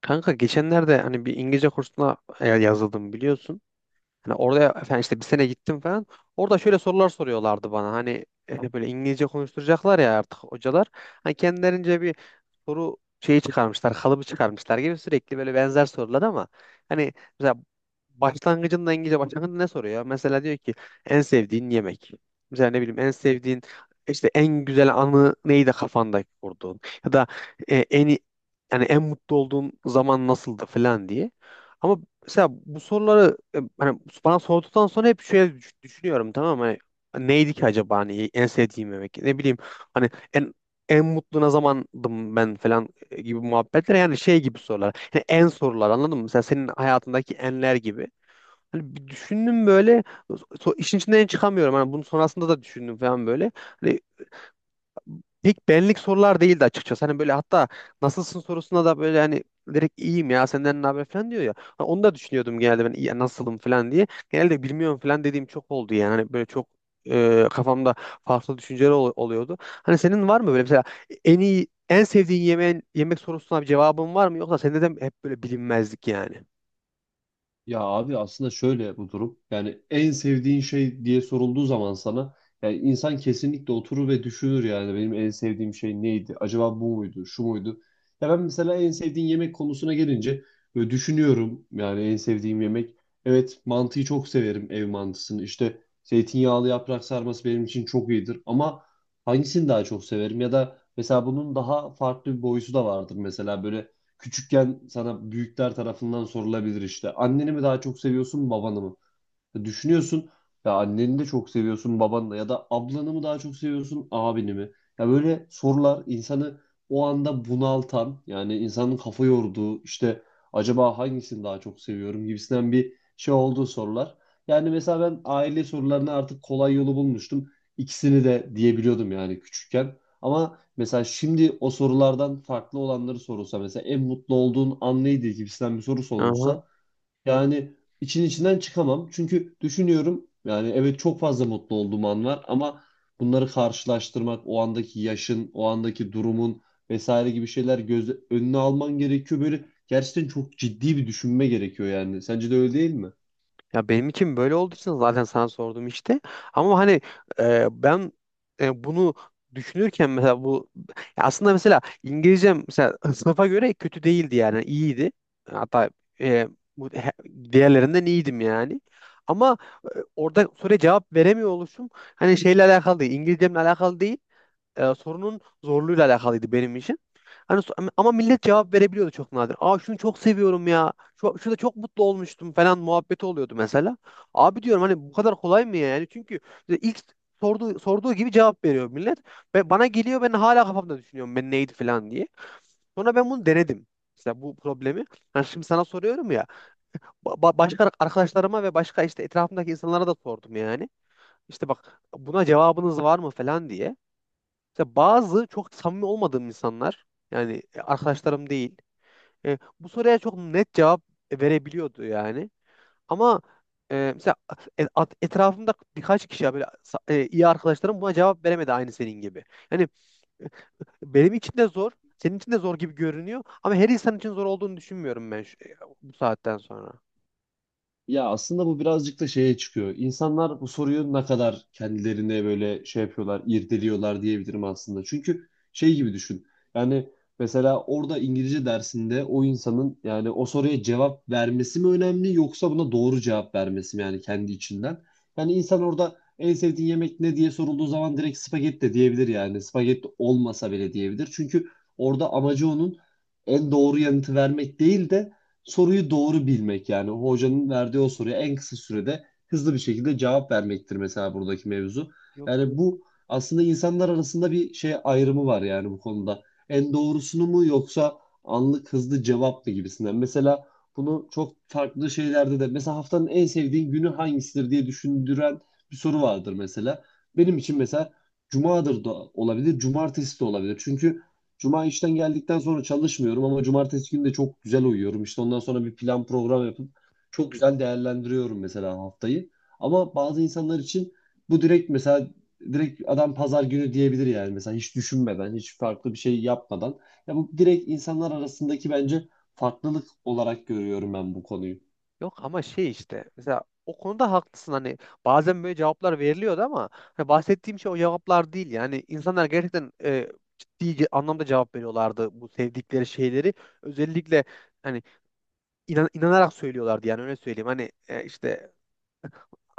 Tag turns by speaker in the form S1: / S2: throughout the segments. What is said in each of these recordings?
S1: Kanka geçenlerde hani bir İngilizce kursuna yazıldım biliyorsun. Hani orada efendim işte bir sene gittim falan. Orada şöyle sorular soruyorlardı bana. Hani böyle İngilizce konuşturacaklar ya artık hocalar. Hani kendilerince bir soru şeyi çıkarmışlar, kalıbı çıkarmışlar gibi sürekli böyle benzer sorular ama hani mesela başlangıcında İngilizce başlangıcında ne soruyor? Mesela diyor ki en sevdiğin yemek. Mesela ne bileyim en sevdiğin işte en güzel anı neydi kafanda kurduğun ya da e, en i- yani en mutlu olduğun zaman nasıldı falan diye. Ama mesela bu soruları hani bana sorduktan sonra hep şöyle düşünüyorum, tamam mı? Hani neydi ki acaba hani en sevdiğim yemek? Ne bileyim hani en mutlu ne zamandım ben falan gibi muhabbetler, yani şey gibi sorular. Yani en sorular, anladın mı? Mesela senin hayatındaki enler gibi. Hani bir düşündüm böyle, işin içinden çıkamıyorum. Hani bunun sonrasında da düşündüm falan böyle. Hani İlk benlik sorular değildi açıkçası. Hani böyle hatta nasılsın sorusuna da böyle hani direkt iyiyim ya senden ne haber falan diyor ya. Ha, onu da düşünüyordum, genelde ben "İyi, ya nasılım" falan diye. Genelde bilmiyorum falan dediğim çok oldu yani. Hani böyle çok kafamda farklı düşünceler oluyordu. Hani senin var mı böyle mesela en iyi en sevdiğin yemeğin, yemek sorusuna bir cevabın var mı, yoksa sende de mi hep böyle bilinmezlik yani?
S2: Ya abi aslında şöyle bu durum. Yani en sevdiğin şey diye sorulduğu zaman sana yani insan kesinlikle oturur ve düşünür, yani benim en sevdiğim şey neydi? Acaba bu muydu? Şu muydu? Ya ben mesela en sevdiğin yemek konusuna gelince böyle düşünüyorum, yani en sevdiğim yemek. Evet, mantıyı çok severim, ev mantısını. İşte zeytinyağlı yaprak sarması benim için çok iyidir, ama hangisini daha çok severim ya da mesela bunun daha farklı bir boyusu da vardır mesela. Böyle küçükken sana büyükler tarafından sorulabilir işte: anneni mi daha çok seviyorsun, babanı mı? Düşünüyorsun, ya anneni de çok seviyorsun, babanla ya da ablanı mı daha çok seviyorsun, abini mi? Ya böyle sorular insanı o anda bunaltan, yani insanın kafa yorduğu, işte acaba hangisini daha çok seviyorum gibisinden bir şey olduğu sorular. Yani mesela ben aile sorularını artık kolay yolu bulmuştum. İkisini de diyebiliyordum, yani küçükken. Ama mesela şimdi o sorulardan farklı olanları sorulsa, mesela en mutlu olduğun an neydi gibisinden bir soru
S1: Aha.
S2: sorulsa, yani için içinden çıkamam. Çünkü düşünüyorum, yani evet, çok fazla mutlu olduğum an var, ama bunları karşılaştırmak, o andaki yaşın, o andaki durumun vesaire gibi şeyler göz önüne alman gerekiyor. Böyle gerçekten çok ciddi bir düşünme gerekiyor yani. Sence de öyle değil mi?
S1: Ya benim için böyle olduğu için zaten sana sordum işte. Ama hani ben bunu düşünürken mesela bu, ya aslında mesela İngilizcem mesela sınıfa göre kötü değildi, yani iyiydi. Hatta e, diğerlerinden iyiydim yani. Ama e, orada soruya cevap veremiyor oluşum, hani şeyle alakalı değil, İngilizcemle alakalı değil, sorunun zorluğuyla alakalıydı benim için. Hani ama millet cevap verebiliyordu, çok nadir. Aa, şunu çok seviyorum ya. Şu, şurada çok mutlu olmuştum falan muhabbeti oluyordu mesela. Abi diyorum, hani bu kadar kolay mı ya, yani? Çünkü ilk sorduğu gibi cevap veriyor millet. Ve bana geliyor, ben hala kafamda düşünüyorum ben neydi falan diye. Sonra ben bunu denedim. Mesela bu problemi. Yani şimdi sana soruyorum ya. Başka arkadaşlarıma ve başka işte etrafımdaki insanlara da sordum yani. İşte bak, buna cevabınız var mı falan diye. Mesela bazı çok samimi olmadığım insanlar, yani arkadaşlarım değil. Bu soruya çok net cevap verebiliyordu yani. Ama mesela etrafımda birkaç kişi, ya böyle iyi arkadaşlarım, buna cevap veremedi aynı senin gibi. Yani benim için de zor, senin için de zor gibi görünüyor, ama her insan için zor olduğunu düşünmüyorum ben bu saatten sonra.
S2: Ya aslında bu birazcık da şeye çıkıyor. İnsanlar bu soruyu ne kadar kendilerine böyle şey yapıyorlar, irdeliyorlar diyebilirim aslında. Çünkü şey gibi düşün. Yani mesela orada İngilizce dersinde o insanın, yani o soruya cevap vermesi mi önemli yoksa buna doğru cevap vermesi mi, yani kendi içinden? Yani insan orada en sevdiğin yemek ne diye sorulduğu zaman direkt spagetti de diyebilir yani. Spagetti olmasa bile diyebilir. Çünkü orada amacı onun en doğru yanıtı vermek değil de soruyu doğru bilmek, yani hocanın verdiği o soruya en kısa sürede hızlı bir şekilde cevap vermektir mesela buradaki mevzu.
S1: Yok.
S2: Yani bu aslında insanlar arasında bir şey ayrımı var yani bu konuda. En doğrusunu mu yoksa anlık hızlı cevap mı gibisinden. Mesela bunu çok farklı şeylerde de, mesela haftanın en sevdiğin günü hangisidir diye düşündüren bir soru vardır mesela. Benim için mesela cumadır da olabilir, cumartesi de olabilir. Çünkü cuma işten geldikten sonra çalışmıyorum, ama cumartesi günü de çok güzel uyuyorum. İşte ondan sonra bir plan program yapıp çok güzel değerlendiriyorum mesela haftayı. Ama bazı insanlar için bu direkt, mesela direkt adam pazar günü diyebilir yani, mesela hiç düşünmeden, hiç farklı bir şey yapmadan. Ya bu direkt insanlar arasındaki, bence farklılık olarak görüyorum ben bu konuyu.
S1: Yok ama şey, işte mesela o konuda haklısın. Hani bazen böyle cevaplar veriliyordu ama hani bahsettiğim şey o cevaplar değil. Yani insanlar gerçekten ciddi anlamda cevap veriyorlardı, bu sevdikleri şeyleri özellikle hani inanarak söylüyorlardı yani, öyle söyleyeyim. Hani işte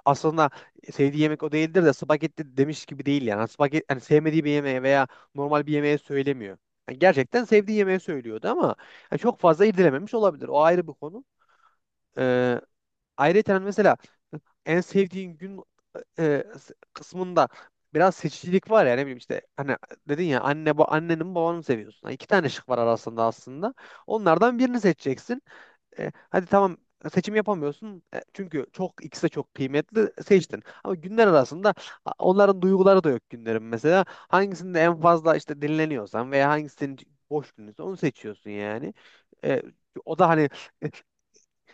S1: aslında sevdiği yemek o değildir de spagetti demiş gibi değil yani. Spagetti hani sevmediği bir yemeğe veya normal bir yemeğe söylemiyor. Yani gerçekten sevdiği yemeği söylüyordu ama yani çok fazla irdelememiş olabilir, o ayrı bir konu. Ayrıca mesela en sevdiğin gün e, kısmında biraz seçicilik var ya. Ne bileyim işte hani dedin ya, anne, bu, anneni mi babanı mı seviyorsun? Yani iki tane şık var arasında aslında. Onlardan birini seçeceksin. E, hadi tamam, seçim yapamıyorsun. E, çünkü çok, ikisi de çok kıymetli, seçtin. Ama günler arasında onların duyguları da yok günlerin mesela. Hangisinde en fazla işte dinleniyorsan veya hangisinin boş gününse onu seçiyorsun yani. E, o da hani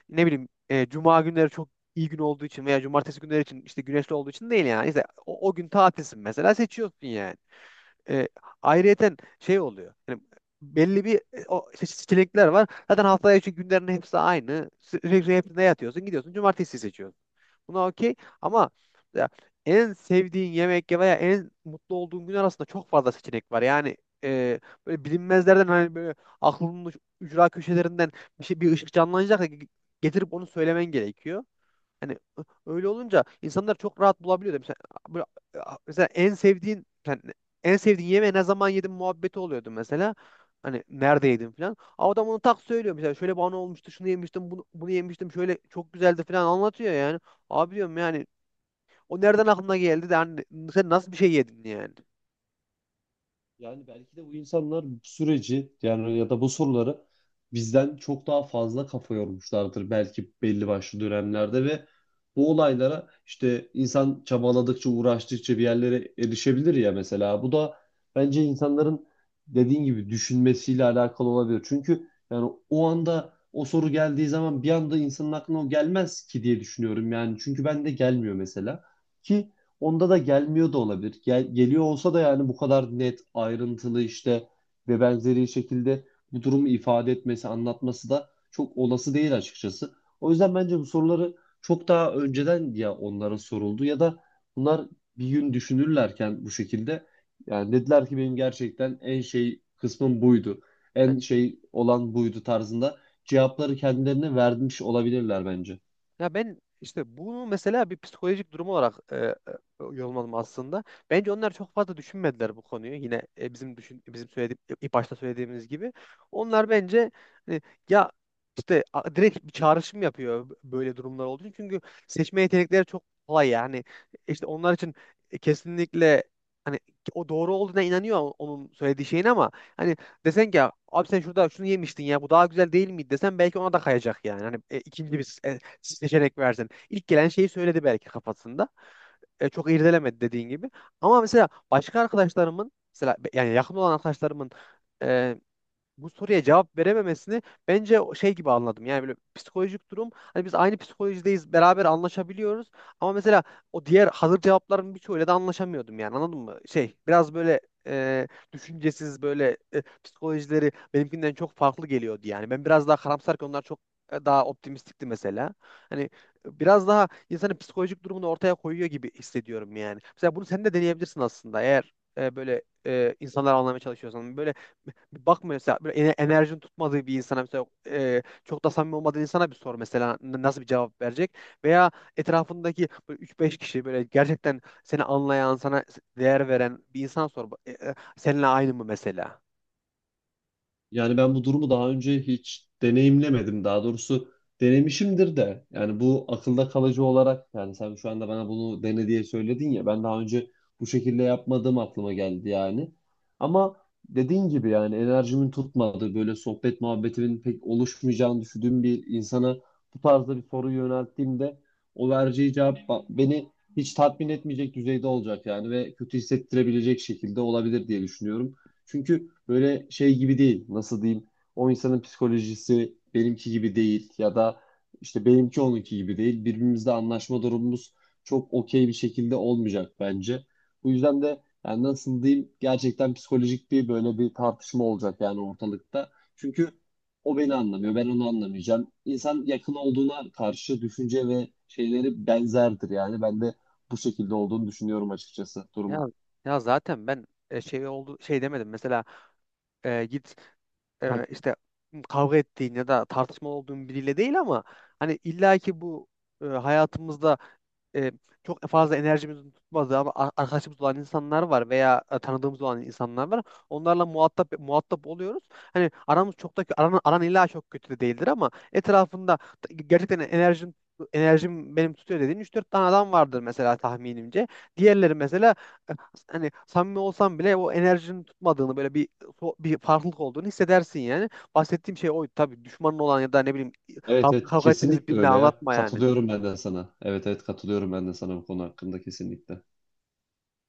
S1: ne bileyim cuma günleri çok iyi gün olduğu için veya cumartesi günleri için işte güneşli olduğu için değil yani. İşte o gün tatilsin mesela, seçiyorsun yani. E, ayrıyeten şey oluyor. Yani belli bir o işte seçenekler var. Zaten haftaya için günlerin hepsi aynı. Sürekli hepsinde yatıyorsun, gidiyorsun, cumartesi seçiyorsun. Buna okey, ama ya en sevdiğin yemek ya veya en mutlu olduğun gün arasında çok fazla seçenek var. Yani e, böyle bilinmezlerden, hani böyle aklının ücra köşelerinden bir şey, bir ışık canlanacak da getirip onu söylemen gerekiyor. Hani öyle olunca insanlar çok rahat bulabiliyor da. Mesela böyle, mesela en sevdiğin yani en sevdiğin yemeği ne zaman yedin muhabbeti oluyordu mesela. Hani nerede yedin falan. Ama adam onu tak söylüyor mesela. Şöyle bana olmuştu, şunu yemiştim, bunu yemiştim, şöyle çok güzeldi falan anlatıyor yani. Abi diyorum yani, o nereden aklına geldi de hani sen nasıl bir şey yedin yani.
S2: Yani belki de bu insanlar bu süreci, yani ya da bu soruları bizden çok daha fazla kafa yormuşlardır belki belli başlı dönemlerde, ve bu olaylara işte insan çabaladıkça, uğraştıkça bir yerlere erişebilir ya mesela. Bu da bence insanların dediğin gibi düşünmesiyle alakalı olabilir. Çünkü yani o anda o soru geldiği zaman bir anda insanın aklına o gelmez ki diye düşünüyorum yani. Çünkü ben de gelmiyor mesela. Ki onda da gelmiyor da olabilir. Geliyor olsa da, yani bu kadar net, ayrıntılı, işte ve benzeri şekilde bu durumu ifade etmesi, anlatması da çok olası değil açıkçası. O yüzden bence bu soruları çok daha önceden ya onlara soruldu, ya da bunlar bir gün düşünürlerken bu şekilde, yani dediler ki benim gerçekten en şey kısmım buydu. En şey olan buydu tarzında cevapları kendilerine vermiş olabilirler bence.
S1: Ya ben işte bunu mesela bir psikolojik durum olarak yorumladım aslında. Bence onlar çok fazla düşünmediler bu konuyu. Yine bizim söylediğim ilk başta söylediğimiz gibi. Onlar bence hani, ya işte direkt bir çağrışım yapıyor, böyle durumlar olduğu için. Çünkü seçme yetenekleri çok kolay yani. İşte onlar için kesinlikle hani o doğru olduğuna inanıyor, onun söylediği şeyin. Ama hani desen ki, abi sen şurada şunu yemiştin ya, bu daha güzel değil miydi desen, belki ona da kayacak yani. Hani ikinci bir seçenek versin. İlk gelen şeyi söyledi belki kafasında. E, çok irdelemedi dediğin gibi. Ama mesela başka arkadaşlarımın mesela yani yakın olan arkadaşlarımın e, bu soruya cevap verememesini bence o şey gibi anladım. Yani böyle psikolojik durum, hani biz aynı psikolojideyiz, beraber anlaşabiliyoruz ama mesela o diğer hazır cevapların birçoğuyla da anlaşamıyordum yani, anladın mı? Şey biraz böyle e, düşüncesiz, böyle psikolojileri benimkinden çok farklı geliyordu yani. Ben biraz daha karamsarken onlar çok daha optimistikti mesela. Hani biraz daha insanın psikolojik durumunu ortaya koyuyor gibi hissediyorum yani. Mesela bunu sen de deneyebilirsin aslında, eğer böyle insanları anlamaya çalışıyorsan. Böyle bir bakma mesela, böyle enerjin tutmadığı bir insana, mesela çok da samimi olmadığı insana bir sor mesela, nasıl bir cevap verecek, veya etrafındaki böyle 3-5 kişi, böyle gerçekten seni anlayan, sana değer veren bir insana sor, seninle aynı mı mesela?
S2: Yani ben bu durumu daha önce hiç deneyimlemedim. Daha doğrusu, denemişimdir de. Yani bu akılda kalıcı olarak, yani sen şu anda bana bunu dene diye söyledin ya. Ben daha önce bu şekilde yapmadığım aklıma geldi yani. Ama dediğin gibi, yani enerjimin tutmadığı, böyle sohbet muhabbetimin pek oluşmayacağını düşündüğüm bir insana bu tarzda bir soru yönelttiğimde, o vereceği cevap beni hiç tatmin etmeyecek düzeyde olacak yani, ve kötü hissettirebilecek şekilde olabilir diye düşünüyorum. Çünkü böyle şey gibi değil. Nasıl diyeyim? O insanın psikolojisi benimki gibi değil, ya da işte benimki onunki gibi değil. Birbirimizle anlaşma durumumuz çok okey bir şekilde olmayacak bence. Bu yüzden de yani nasıl diyeyim? Gerçekten psikolojik bir böyle bir tartışma olacak yani ortalıkta. Çünkü o beni
S1: Yok ya.
S2: anlamıyor, ben onu anlamayacağım. İnsan yakın olduğuna karşı düşünce ve şeyleri benzerdir yani. Ben de bu şekilde olduğunu düşünüyorum açıkçası
S1: Ya,
S2: durumun.
S1: ya zaten ben şey oldu, şey demedim mesela, e, git hani işte kavga ettiğin ya da tartışmalı olduğun biriyle değil, ama hani illaki bu hayatımızda e, çok fazla enerjimizin tutmadığı ama arkadaşımız olan insanlar var, veya tanıdığımız olan insanlar var. Onlarla muhatap oluyoruz. Hani aramız çok da aran illa çok kötü de değildir, ama etrafında gerçekten enerjim benim tutuyor dediğin üç dört tane adam vardır mesela, tahminimce. Diğerleri mesela e, hani samimi olsam bile o enerjinin tutmadığını, böyle bir bir farklılık olduğunu hissedersin yani. Bahsettiğim şey oydu. Tabii düşmanın olan ya da ne bileyim
S2: Evet, evet,
S1: kavga ettiğiniz
S2: kesinlikle
S1: birine
S2: öyle ya.
S1: anlatma yani.
S2: Katılıyorum ben de sana. Evet, evet, katılıyorum ben de sana bu konu hakkında kesinlikle.